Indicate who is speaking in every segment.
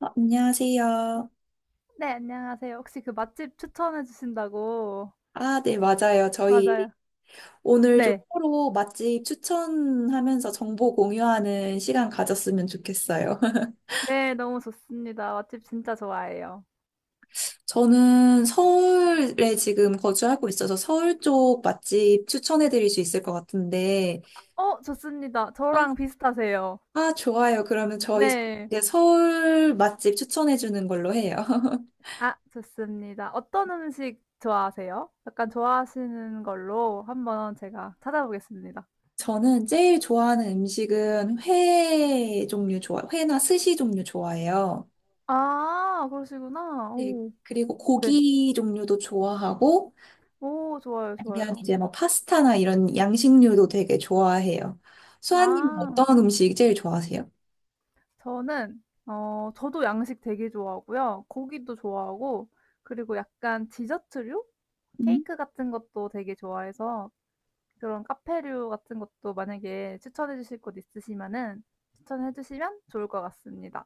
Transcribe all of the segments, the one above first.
Speaker 1: 아, 안녕하세요.
Speaker 2: 네, 안녕하세요. 혹시 그 맛집 추천해 주신다고.
Speaker 1: 아, 네, 맞아요.
Speaker 2: 맞아요.
Speaker 1: 저희 오늘 좀
Speaker 2: 네.
Speaker 1: 서로 맛집 추천하면서 정보 공유하는 시간 가졌으면 좋겠어요.
Speaker 2: 네, 너무 좋습니다. 맛집 진짜 좋아해요.
Speaker 1: 저는 서울에 지금 거주하고 있어서 서울 쪽 맛집 추천해 드릴 수 있을 것 같은데,
Speaker 2: 어, 좋습니다.
Speaker 1: 아,
Speaker 2: 저랑 비슷하세요.
Speaker 1: 아, 좋아요. 그러면 저희
Speaker 2: 네.
Speaker 1: 이제 서울 맛집 추천해 주는 걸로 해요.
Speaker 2: 아, 좋습니다. 어떤 음식 좋아하세요? 약간 좋아하시는 걸로 한번 제가 찾아보겠습니다.
Speaker 1: 저는 제일 좋아하는 음식은 회나 스시 종류 좋아해요.
Speaker 2: 아, 그러시구나.
Speaker 1: 네,
Speaker 2: 오,
Speaker 1: 그리고
Speaker 2: 네.
Speaker 1: 고기 종류도 좋아하고
Speaker 2: 오, 좋아요,
Speaker 1: 아니면
Speaker 2: 좋아요.
Speaker 1: 이제 뭐 파스타나 이런 양식류도 되게 좋아해요. 수아님은
Speaker 2: 아.
Speaker 1: 어떤 음식 제일 좋아하세요?
Speaker 2: 저는 저도 양식 되게 좋아하고요. 고기도 좋아하고 그리고 약간 디저트류?
Speaker 1: 음.
Speaker 2: 케이크 같은 것도 되게 좋아해서 그런 카페류 같은 것도 만약에 추천해 주실 곳 있으시면은 추천해 주시면 좋을 것 같습니다.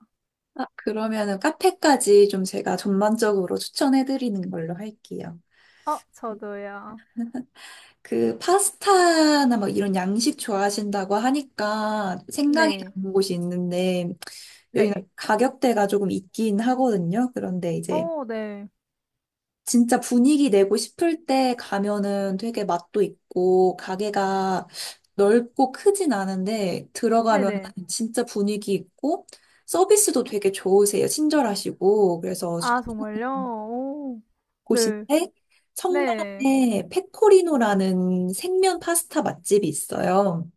Speaker 1: 아, 그러면은 카페까지 좀 제가 전반적으로 추천해드리는 걸로 할게요.
Speaker 2: 어 저도요.
Speaker 1: 그 파스타나 뭐 이런 양식 좋아하신다고 하니까 생각이
Speaker 2: 네.
Speaker 1: 나는 곳이 있는데 여기는
Speaker 2: 네.
Speaker 1: 가격대가 조금 있긴 하거든요. 그런데 이제
Speaker 2: 어 네.
Speaker 1: 진짜 분위기 내고 싶을 때 가면은 되게 맛도 있고, 가게가 넓고 크진 않은데, 들어가면
Speaker 2: 네네.
Speaker 1: 진짜 분위기 있고, 서비스도
Speaker 2: 음.
Speaker 1: 되게 좋으세요. 친절하시고. 그래서
Speaker 2: 아 정말요? 오. 네.
Speaker 1: 곳인데,
Speaker 2: 네.
Speaker 1: 성남에 페코리노라는 생면 파스타 맛집이 있어요.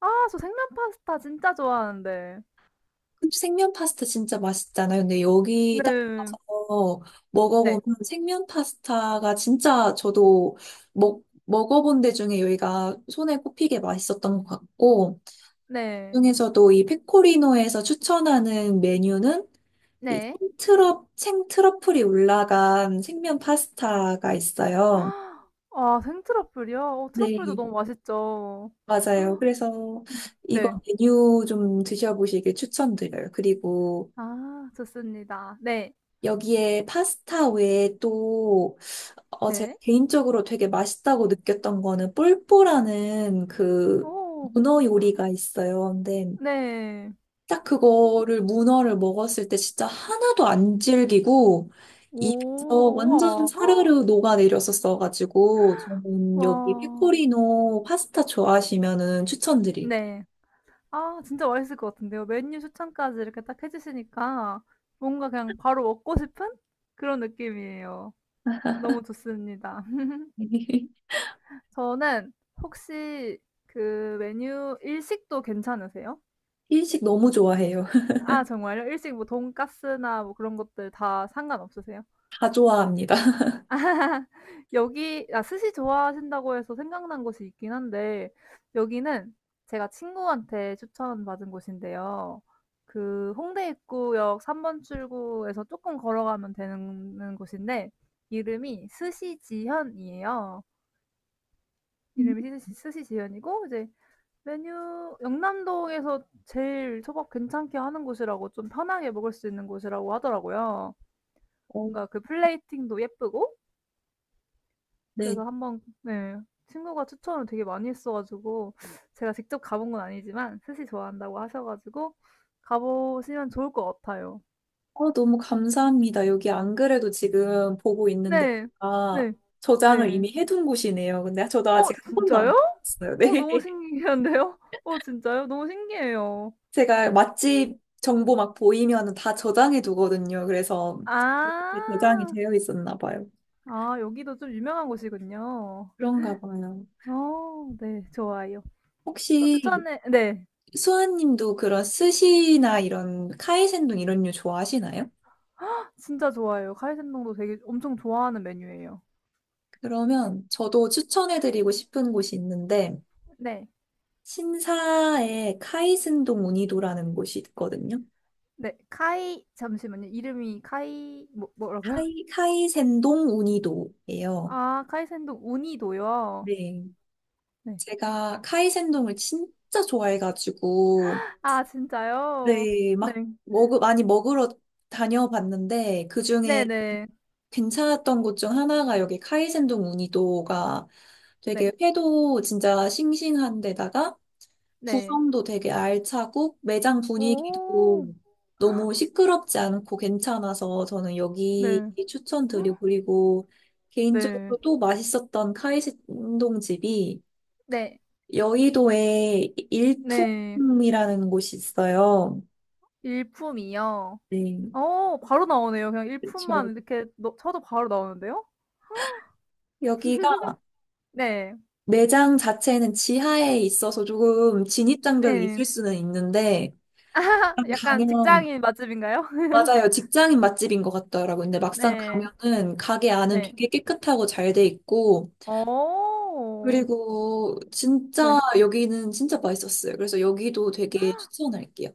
Speaker 2: 아 저 생면 파스타 진짜 좋아하는데.
Speaker 1: 그치, 생면 파스타 진짜 맛있잖아요. 근데 여기 딱
Speaker 2: 네.
Speaker 1: 가서
Speaker 2: 네.
Speaker 1: 먹어보면 생면 파스타가 진짜 저도 먹어본 데 중에 여기가 손에 꼽히게 맛있었던 것 같고,
Speaker 2: 네.
Speaker 1: 그중에서도 이 페코리노에서 추천하는 메뉴는 이
Speaker 2: 네.
Speaker 1: 생트러플이 올라간 생면 파스타가 있어요.
Speaker 2: 아 생트러플이요? 어 트러플도
Speaker 1: 네,
Speaker 2: 너무 맛있죠.
Speaker 1: 맞아요. 그래서
Speaker 2: 음.
Speaker 1: 이거
Speaker 2: 네.
Speaker 1: 메뉴 좀 드셔보시길 추천드려요. 그리고
Speaker 2: 아 좋습니다. 네.
Speaker 1: 여기에 파스타 외에 또, 제가
Speaker 2: 네.
Speaker 1: 개인적으로 되게 맛있다고 느꼈던 거는 뽈뽀라는 그
Speaker 2: 오.
Speaker 1: 문어 요리가 있어요. 근데
Speaker 2: 네.
Speaker 1: 딱 그거를 문어를 먹었을 때 진짜 하나도 안 질기고 입에서
Speaker 2: 오.
Speaker 1: 완전
Speaker 2: 우와. 헉,
Speaker 1: 사르르 녹아내렸었어가지고 저는
Speaker 2: 와.
Speaker 1: 여기 페코리노 파스타 좋아하시면은 추천드릴게요.
Speaker 2: 네. 아 진짜 맛있을 것 같은데요. 메뉴 추천까지 이렇게 딱 해 주시니까 뭔가 그냥 바로 먹고 싶은 그런 느낌이에요. 너무 좋습니다. 저는 혹시 그 메뉴 일식도 괜찮으세요?
Speaker 1: 일식 너무 좋아해요.
Speaker 2: 아 정말요? 일식 뭐 돈까스나 뭐 그런 것들 다 상관없으세요?
Speaker 1: 다 좋아합니다.
Speaker 2: 여기 아 스시 좋아하신다고 해서 생각난 곳이 있긴 한데 여기는 제가 친구한테 추천받은 곳인데요. 그 홍대 입구역 3번 출구에서 조금 걸어가면 되는 곳인데 이름이 스시지현이에요. 이름이 스시 스시지현이고 이제 메뉴 영남동에서 제일 초밥 괜찮게 하는 곳이라고 좀 편하게 먹을 수 있는 곳이라고 하더라고요.
Speaker 1: 어,
Speaker 2: 뭔가 그 플레이팅도 예쁘고
Speaker 1: 네.
Speaker 2: 그래서 한번 네. 친구가 추천을 되게 많이 했어 가지고 제가 직접 가본 건 아니지만 스시 좋아한다고 하셔 가지고 가보시면 좋을 것 같아요.
Speaker 1: 어, 너무 감사합니다. 여기 안 그래도 지금 보고 있는데,
Speaker 2: 네.
Speaker 1: 아,
Speaker 2: 네.
Speaker 1: 저장을
Speaker 2: 네.
Speaker 1: 이미 해둔 곳이네요. 근데 저도
Speaker 2: 어
Speaker 1: 아직 한 번도
Speaker 2: 진짜요?
Speaker 1: 안 봤어요.
Speaker 2: 어
Speaker 1: 네.
Speaker 2: 너무 신기한데요? 어 진짜요? 너무 신기해요.
Speaker 1: 제가 맛집 정보 막 보이면 다 저장해 두거든요. 그래서
Speaker 2: 아.
Speaker 1: 이게 저장이 되어 있었나 봐요.
Speaker 2: 아 여기도 좀 유명한 곳이군요.
Speaker 1: 그런가 봐요.
Speaker 2: 어 네. 좋아요. 또
Speaker 1: 혹시
Speaker 2: 추천해 네.
Speaker 1: 수아님도 그런 스시나 이런 카이센동 이런 류 좋아하시나요?
Speaker 2: 진짜 좋아해요. 카이센동도 되게 엄청 좋아하는 메뉴예요.
Speaker 1: 그러면 저도 추천해드리고 싶은 곳이 있는데,
Speaker 2: 네.
Speaker 1: 신사에 카이센동 우니도라는 곳이 있거든요.
Speaker 2: 네, 카이 잠시만요. 이름이 카이 뭐라고요?
Speaker 1: 카이센동 우니도예요.
Speaker 2: 아, 카이센동 우니도요.
Speaker 1: 네.
Speaker 2: 네.
Speaker 1: 제가 카이센동을 진짜 좋아해가지고,
Speaker 2: 아, 진짜요?
Speaker 1: 네,
Speaker 2: 네.
Speaker 1: 많이 먹으러 다녀봤는데, 그중에
Speaker 2: 네네.
Speaker 1: 괜찮았던 곳 중 하나가 여기 카이센동 우니도가
Speaker 2: 네.
Speaker 1: 되게 회도 진짜 싱싱한 데다가
Speaker 2: 네. 네.
Speaker 1: 구성도 되게 알차고 매장 분위기도
Speaker 2: 오.
Speaker 1: 너무 시끄럽지 않고 괜찮아서 저는 여기
Speaker 2: 네.
Speaker 1: 추천드리고 그리고
Speaker 2: 네.
Speaker 1: 개인적으로 또 맛있었던 카이신동 집이
Speaker 2: 네.
Speaker 1: 여의도에
Speaker 2: 네.
Speaker 1: 일품이라는 곳이 있어요.
Speaker 2: 일품이요.
Speaker 1: 네.
Speaker 2: 어, 바로 나오네요. 그냥
Speaker 1: 그렇죠.
Speaker 2: 일품만 이렇게 넣 쳐도 바로 나오는데요?
Speaker 1: 여기가
Speaker 2: 네.
Speaker 1: 매장 자체는 지하에 있어서 조금 진입장벽이
Speaker 2: 네.
Speaker 1: 있을 수는 있는데
Speaker 2: 아 약간
Speaker 1: 가면
Speaker 2: 직장인 맛집인가요?
Speaker 1: 맞아요. 직장인 맛집인 것 같더라고요. 근데 막상
Speaker 2: 네.
Speaker 1: 가면은 가게 안은
Speaker 2: 네.
Speaker 1: 되게 깨끗하고 잘 돼 있고,
Speaker 2: 어.
Speaker 1: 그리고 진짜
Speaker 2: 네.
Speaker 1: 여기는 진짜 맛있었어요. 그래서 여기도 되게 추천할게요.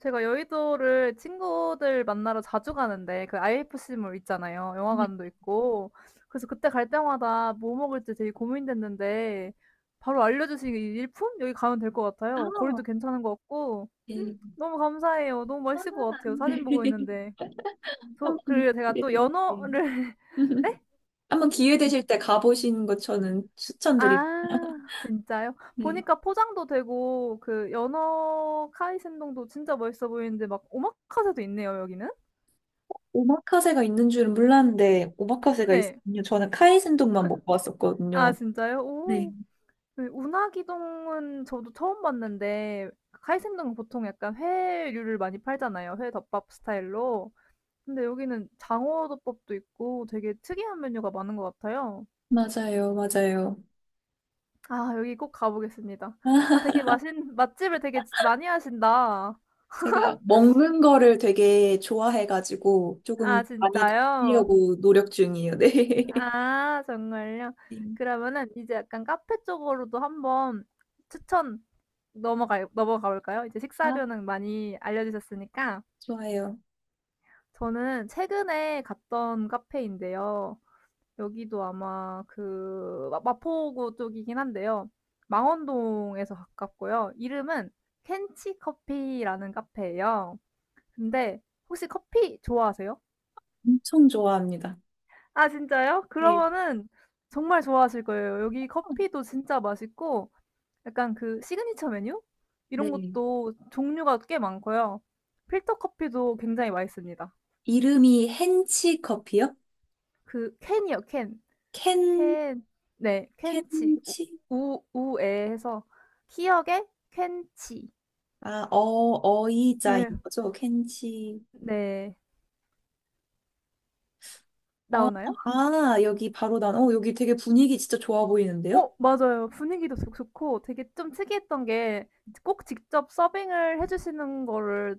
Speaker 2: 제가 여의도를 친구들 만나러 자주 가는데 그 IFC몰 있잖아요.
Speaker 1: 네.
Speaker 2: 영화관도 있고. 그래서 그때 갈 때마다 뭐 먹을지 되게 고민됐는데 바로 알려주신 이 일품? 여기 가면 될 것
Speaker 1: 아,
Speaker 2: 같아요. 거리도 괜찮은 것 같고.
Speaker 1: 네.
Speaker 2: 너무 감사해요. 너무
Speaker 1: 아,
Speaker 2: 맛있을 것 같아요.
Speaker 1: 네.
Speaker 2: 사진 보고 있는데.
Speaker 1: 한번
Speaker 2: 저 그리고 제가
Speaker 1: 기회
Speaker 2: 또
Speaker 1: 되실 때.
Speaker 2: 연어를 네?
Speaker 1: 한번 기회 되실 때 가보시는 것 저는 추천드립니다.
Speaker 2: 아 진짜요?
Speaker 1: 네.
Speaker 2: 보니까 포장도 되고 그 연어 카이센동도 진짜 멋있어 보이는데 막 오마카세도 있네요, 여기는.
Speaker 1: 오마카세가 있는 줄은 몰랐는데 오마카세가
Speaker 2: 네.
Speaker 1: 있군요. 저는 카이센동만 먹고
Speaker 2: 아
Speaker 1: 왔었거든요.
Speaker 2: 진짜요?
Speaker 1: 네.
Speaker 2: 오. 그 운하기동은 저도 처음 봤는데 카이센동은 보통 약간 회류를 많이 팔잖아요. 회 덮밥 스타일로. 근데 여기는 장어 덮밥도 있고 되게 특이한 메뉴가 많은 것 같아요.
Speaker 1: 맞아요, 맞아요.
Speaker 2: 아 여기 꼭 가보겠습니다. 아 되게 맛있는 맛집을 되게 많이 하신다.
Speaker 1: 제가 먹는 거를 되게 좋아해가지고
Speaker 2: 아
Speaker 1: 조금 많이
Speaker 2: 진짜요?
Speaker 1: 다니려고 노력 중이에요. 네.
Speaker 2: 아 정말요?
Speaker 1: 네.
Speaker 2: 그러면은 이제 약간 카페 쪽으로도 한번 추천 넘어가 볼까요? 이제
Speaker 1: 아,
Speaker 2: 식사료는 많이 알려주셨으니까.
Speaker 1: 좋아요.
Speaker 2: 저는 최근에 갔던 카페인데요. 여기도 아마 그 마포구 쪽이긴 한데요. 망원동에서 가깝고요. 이름은 켄치 커피라는 카페예요. 근데 혹시 커피 좋아하세요?
Speaker 1: 엄청 좋아합니다.
Speaker 2: 아, 진짜요?
Speaker 1: 네.
Speaker 2: 그러면은 정말 좋아하실 거예요. 여기 커피도 진짜 맛있고 약간 그 시그니처 메뉴? 이런
Speaker 1: 네.
Speaker 2: 것도 종류가 꽤 많고요. 필터 커피도 굉장히 맛있습니다.
Speaker 1: 이름이 헨치 커피요?
Speaker 2: 그 캔이요, 캔.
Speaker 1: 켄,
Speaker 2: 캔 네 켄치 우
Speaker 1: 켄치?
Speaker 2: 우에 해서 "희역의 켄치."
Speaker 1: 아, 어, 어이자인
Speaker 2: 네.
Speaker 1: 거죠? 켄치.
Speaker 2: 네.
Speaker 1: 어,
Speaker 2: 나오나요?
Speaker 1: 아, 여기 바로 난, 어, 여기 되게 분위기 진짜 좋아 보이는데요?
Speaker 2: 어 맞아요. 분위기도 좋 좋고 되게 좀 특이했던 게 꼭 직접 서빙을 해 주시는 거를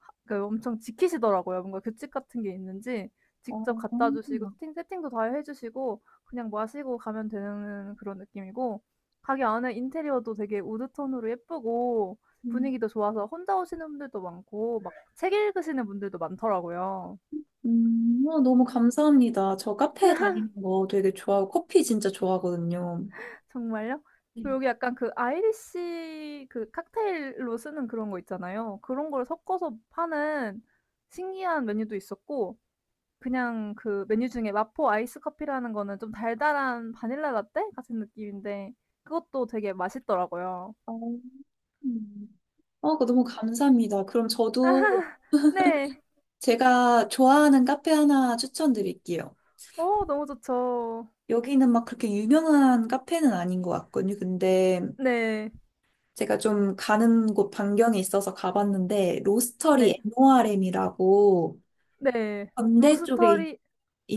Speaker 2: 하 그 엄청 지키시더라고요. 뭔가 규칙 같은 게 있는지 직접
Speaker 1: 어,
Speaker 2: 갖다 주시고 세팅도 다 해 주시고 그냥 마시고 가면 되는 그런 느낌이고 가게 안에 인테리어도 되게 우드 톤으로 예쁘고
Speaker 1: 음.
Speaker 2: 분위기도 좋아서 혼자 오시는 분들도 많고 막 책 읽으시는 분들도 많더라고요.
Speaker 1: 아, 너무 감사합니다. 저 카페 다니는 거 되게 좋아하고 커피 진짜 좋아하거든요.
Speaker 2: 정말요?
Speaker 1: 네.
Speaker 2: 그리고 여기 약간 그 아이리시 그 칵테일로 쓰는 그런 거 있잖아요. 그런 걸 섞어서 파는 신기한 메뉴도 있었고 그냥 그 메뉴 중에 마포 아이스 커피라는 거는 좀 달달한 바닐라 라떼 같은 느낌인데 그것도 되게 맛있더라고요.
Speaker 1: 어, 음. 어, 그거 너무 감사합니다. 그럼 저도
Speaker 2: 네.
Speaker 1: 제가 좋아하는 카페 하나 추천드릴게요.
Speaker 2: 어 너무 좋죠.
Speaker 1: 여기는 막 그렇게 유명한 카페는 아닌 것 같거든요. 근데
Speaker 2: 네.
Speaker 1: 제가 좀 가는 곳 반경에 있어서 가봤는데
Speaker 2: 네.
Speaker 1: 로스터리 NORM이라고
Speaker 2: 네.
Speaker 1: 건대 쪽에
Speaker 2: 로스터리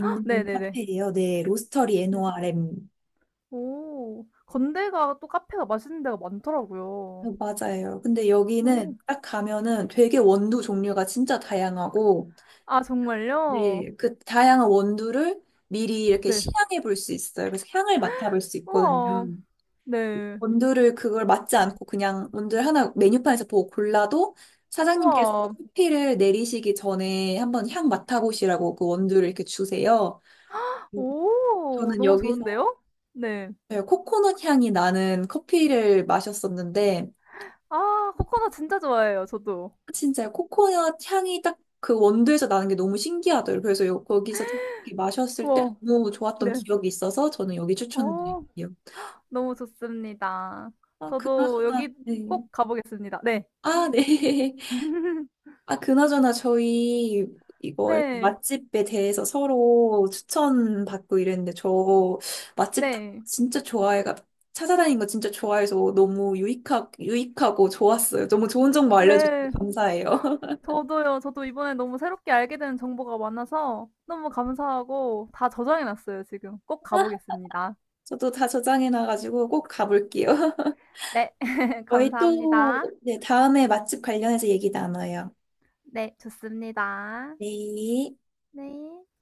Speaker 2: 헉, 네네네.
Speaker 1: 카페예요. 네, 로스터리
Speaker 2: 네. 네.
Speaker 1: NORM.
Speaker 2: 오. 건대가 또 카페가 맛있는 데가
Speaker 1: 아,
Speaker 2: 많더라고요.
Speaker 1: 맞아요. 근데 여기는
Speaker 2: 오.
Speaker 1: 딱 가면은 되게 원두 종류가 진짜 다양하고,
Speaker 2: 아 정말요?
Speaker 1: 네. 그 다양한 원두를 미리 이렇게
Speaker 2: 네.
Speaker 1: 시향해 볼 수 있어요. 그래서 향을 맡아볼 수
Speaker 2: 우와.
Speaker 1: 있거든요.
Speaker 2: 네.
Speaker 1: 원두를 그걸 맡지 않고 그냥 원두를 하나 메뉴판에서 보고 골라도 사장님께서
Speaker 2: 우와.
Speaker 1: 커피를 내리시기 전에 한번 향 맡아보시라고 그 원두를 이렇게 주세요.
Speaker 2: 오.
Speaker 1: 저는
Speaker 2: 너무
Speaker 1: 여기서
Speaker 2: 좋은데요? 네.
Speaker 1: 네, 코코넛 향이 나는 커피를 마셨었는데,
Speaker 2: 아 코코넛 진짜 좋아해요 저도.
Speaker 1: 진짜 코코넛 향이 딱 그 원두에서 나는 게 너무 신기하더라고요. 그래서 요- 거기서 딱 이렇게 마셨을 때
Speaker 2: 우와.
Speaker 1: 너무 좋았던
Speaker 2: 네.
Speaker 1: 기억이 있어서 저는 여기
Speaker 2: 어.
Speaker 1: 추천드릴게요.
Speaker 2: 너무 좋습니다.
Speaker 1: 아,
Speaker 2: 저도
Speaker 1: 그나저나,
Speaker 2: 여기
Speaker 1: 네.
Speaker 2: 꼭 가 보겠습니다. 네.
Speaker 1: 아, 네. 아, 그나저나 저희 이거 이렇게
Speaker 2: 네.
Speaker 1: 맛집에 대해서 서로 추천받고 이랬는데 저 맛집 딱
Speaker 2: 네.
Speaker 1: 진짜 좋아해가 찾아다니는 거 진짜 좋아해서 너무 유익하고 좋았어요. 너무 좋은 정보 알려주셔서
Speaker 2: 네.
Speaker 1: 감사해요.
Speaker 2: 저도요. 저도 이번에 너무 새롭게 알게 된 정보가 많아서 너무 감사하고 다 저장해 놨어요 지금. 꼭 가 보겠습니다.
Speaker 1: 저도 다 저장해놔가지고 꼭 가볼게요.
Speaker 2: 네.
Speaker 1: 저희
Speaker 2: 감사합니다.
Speaker 1: 또, 네, 다음에 맛집 관련해서 얘기 나눠요.
Speaker 2: 네. 좋습니다.
Speaker 1: 네.
Speaker 2: 네.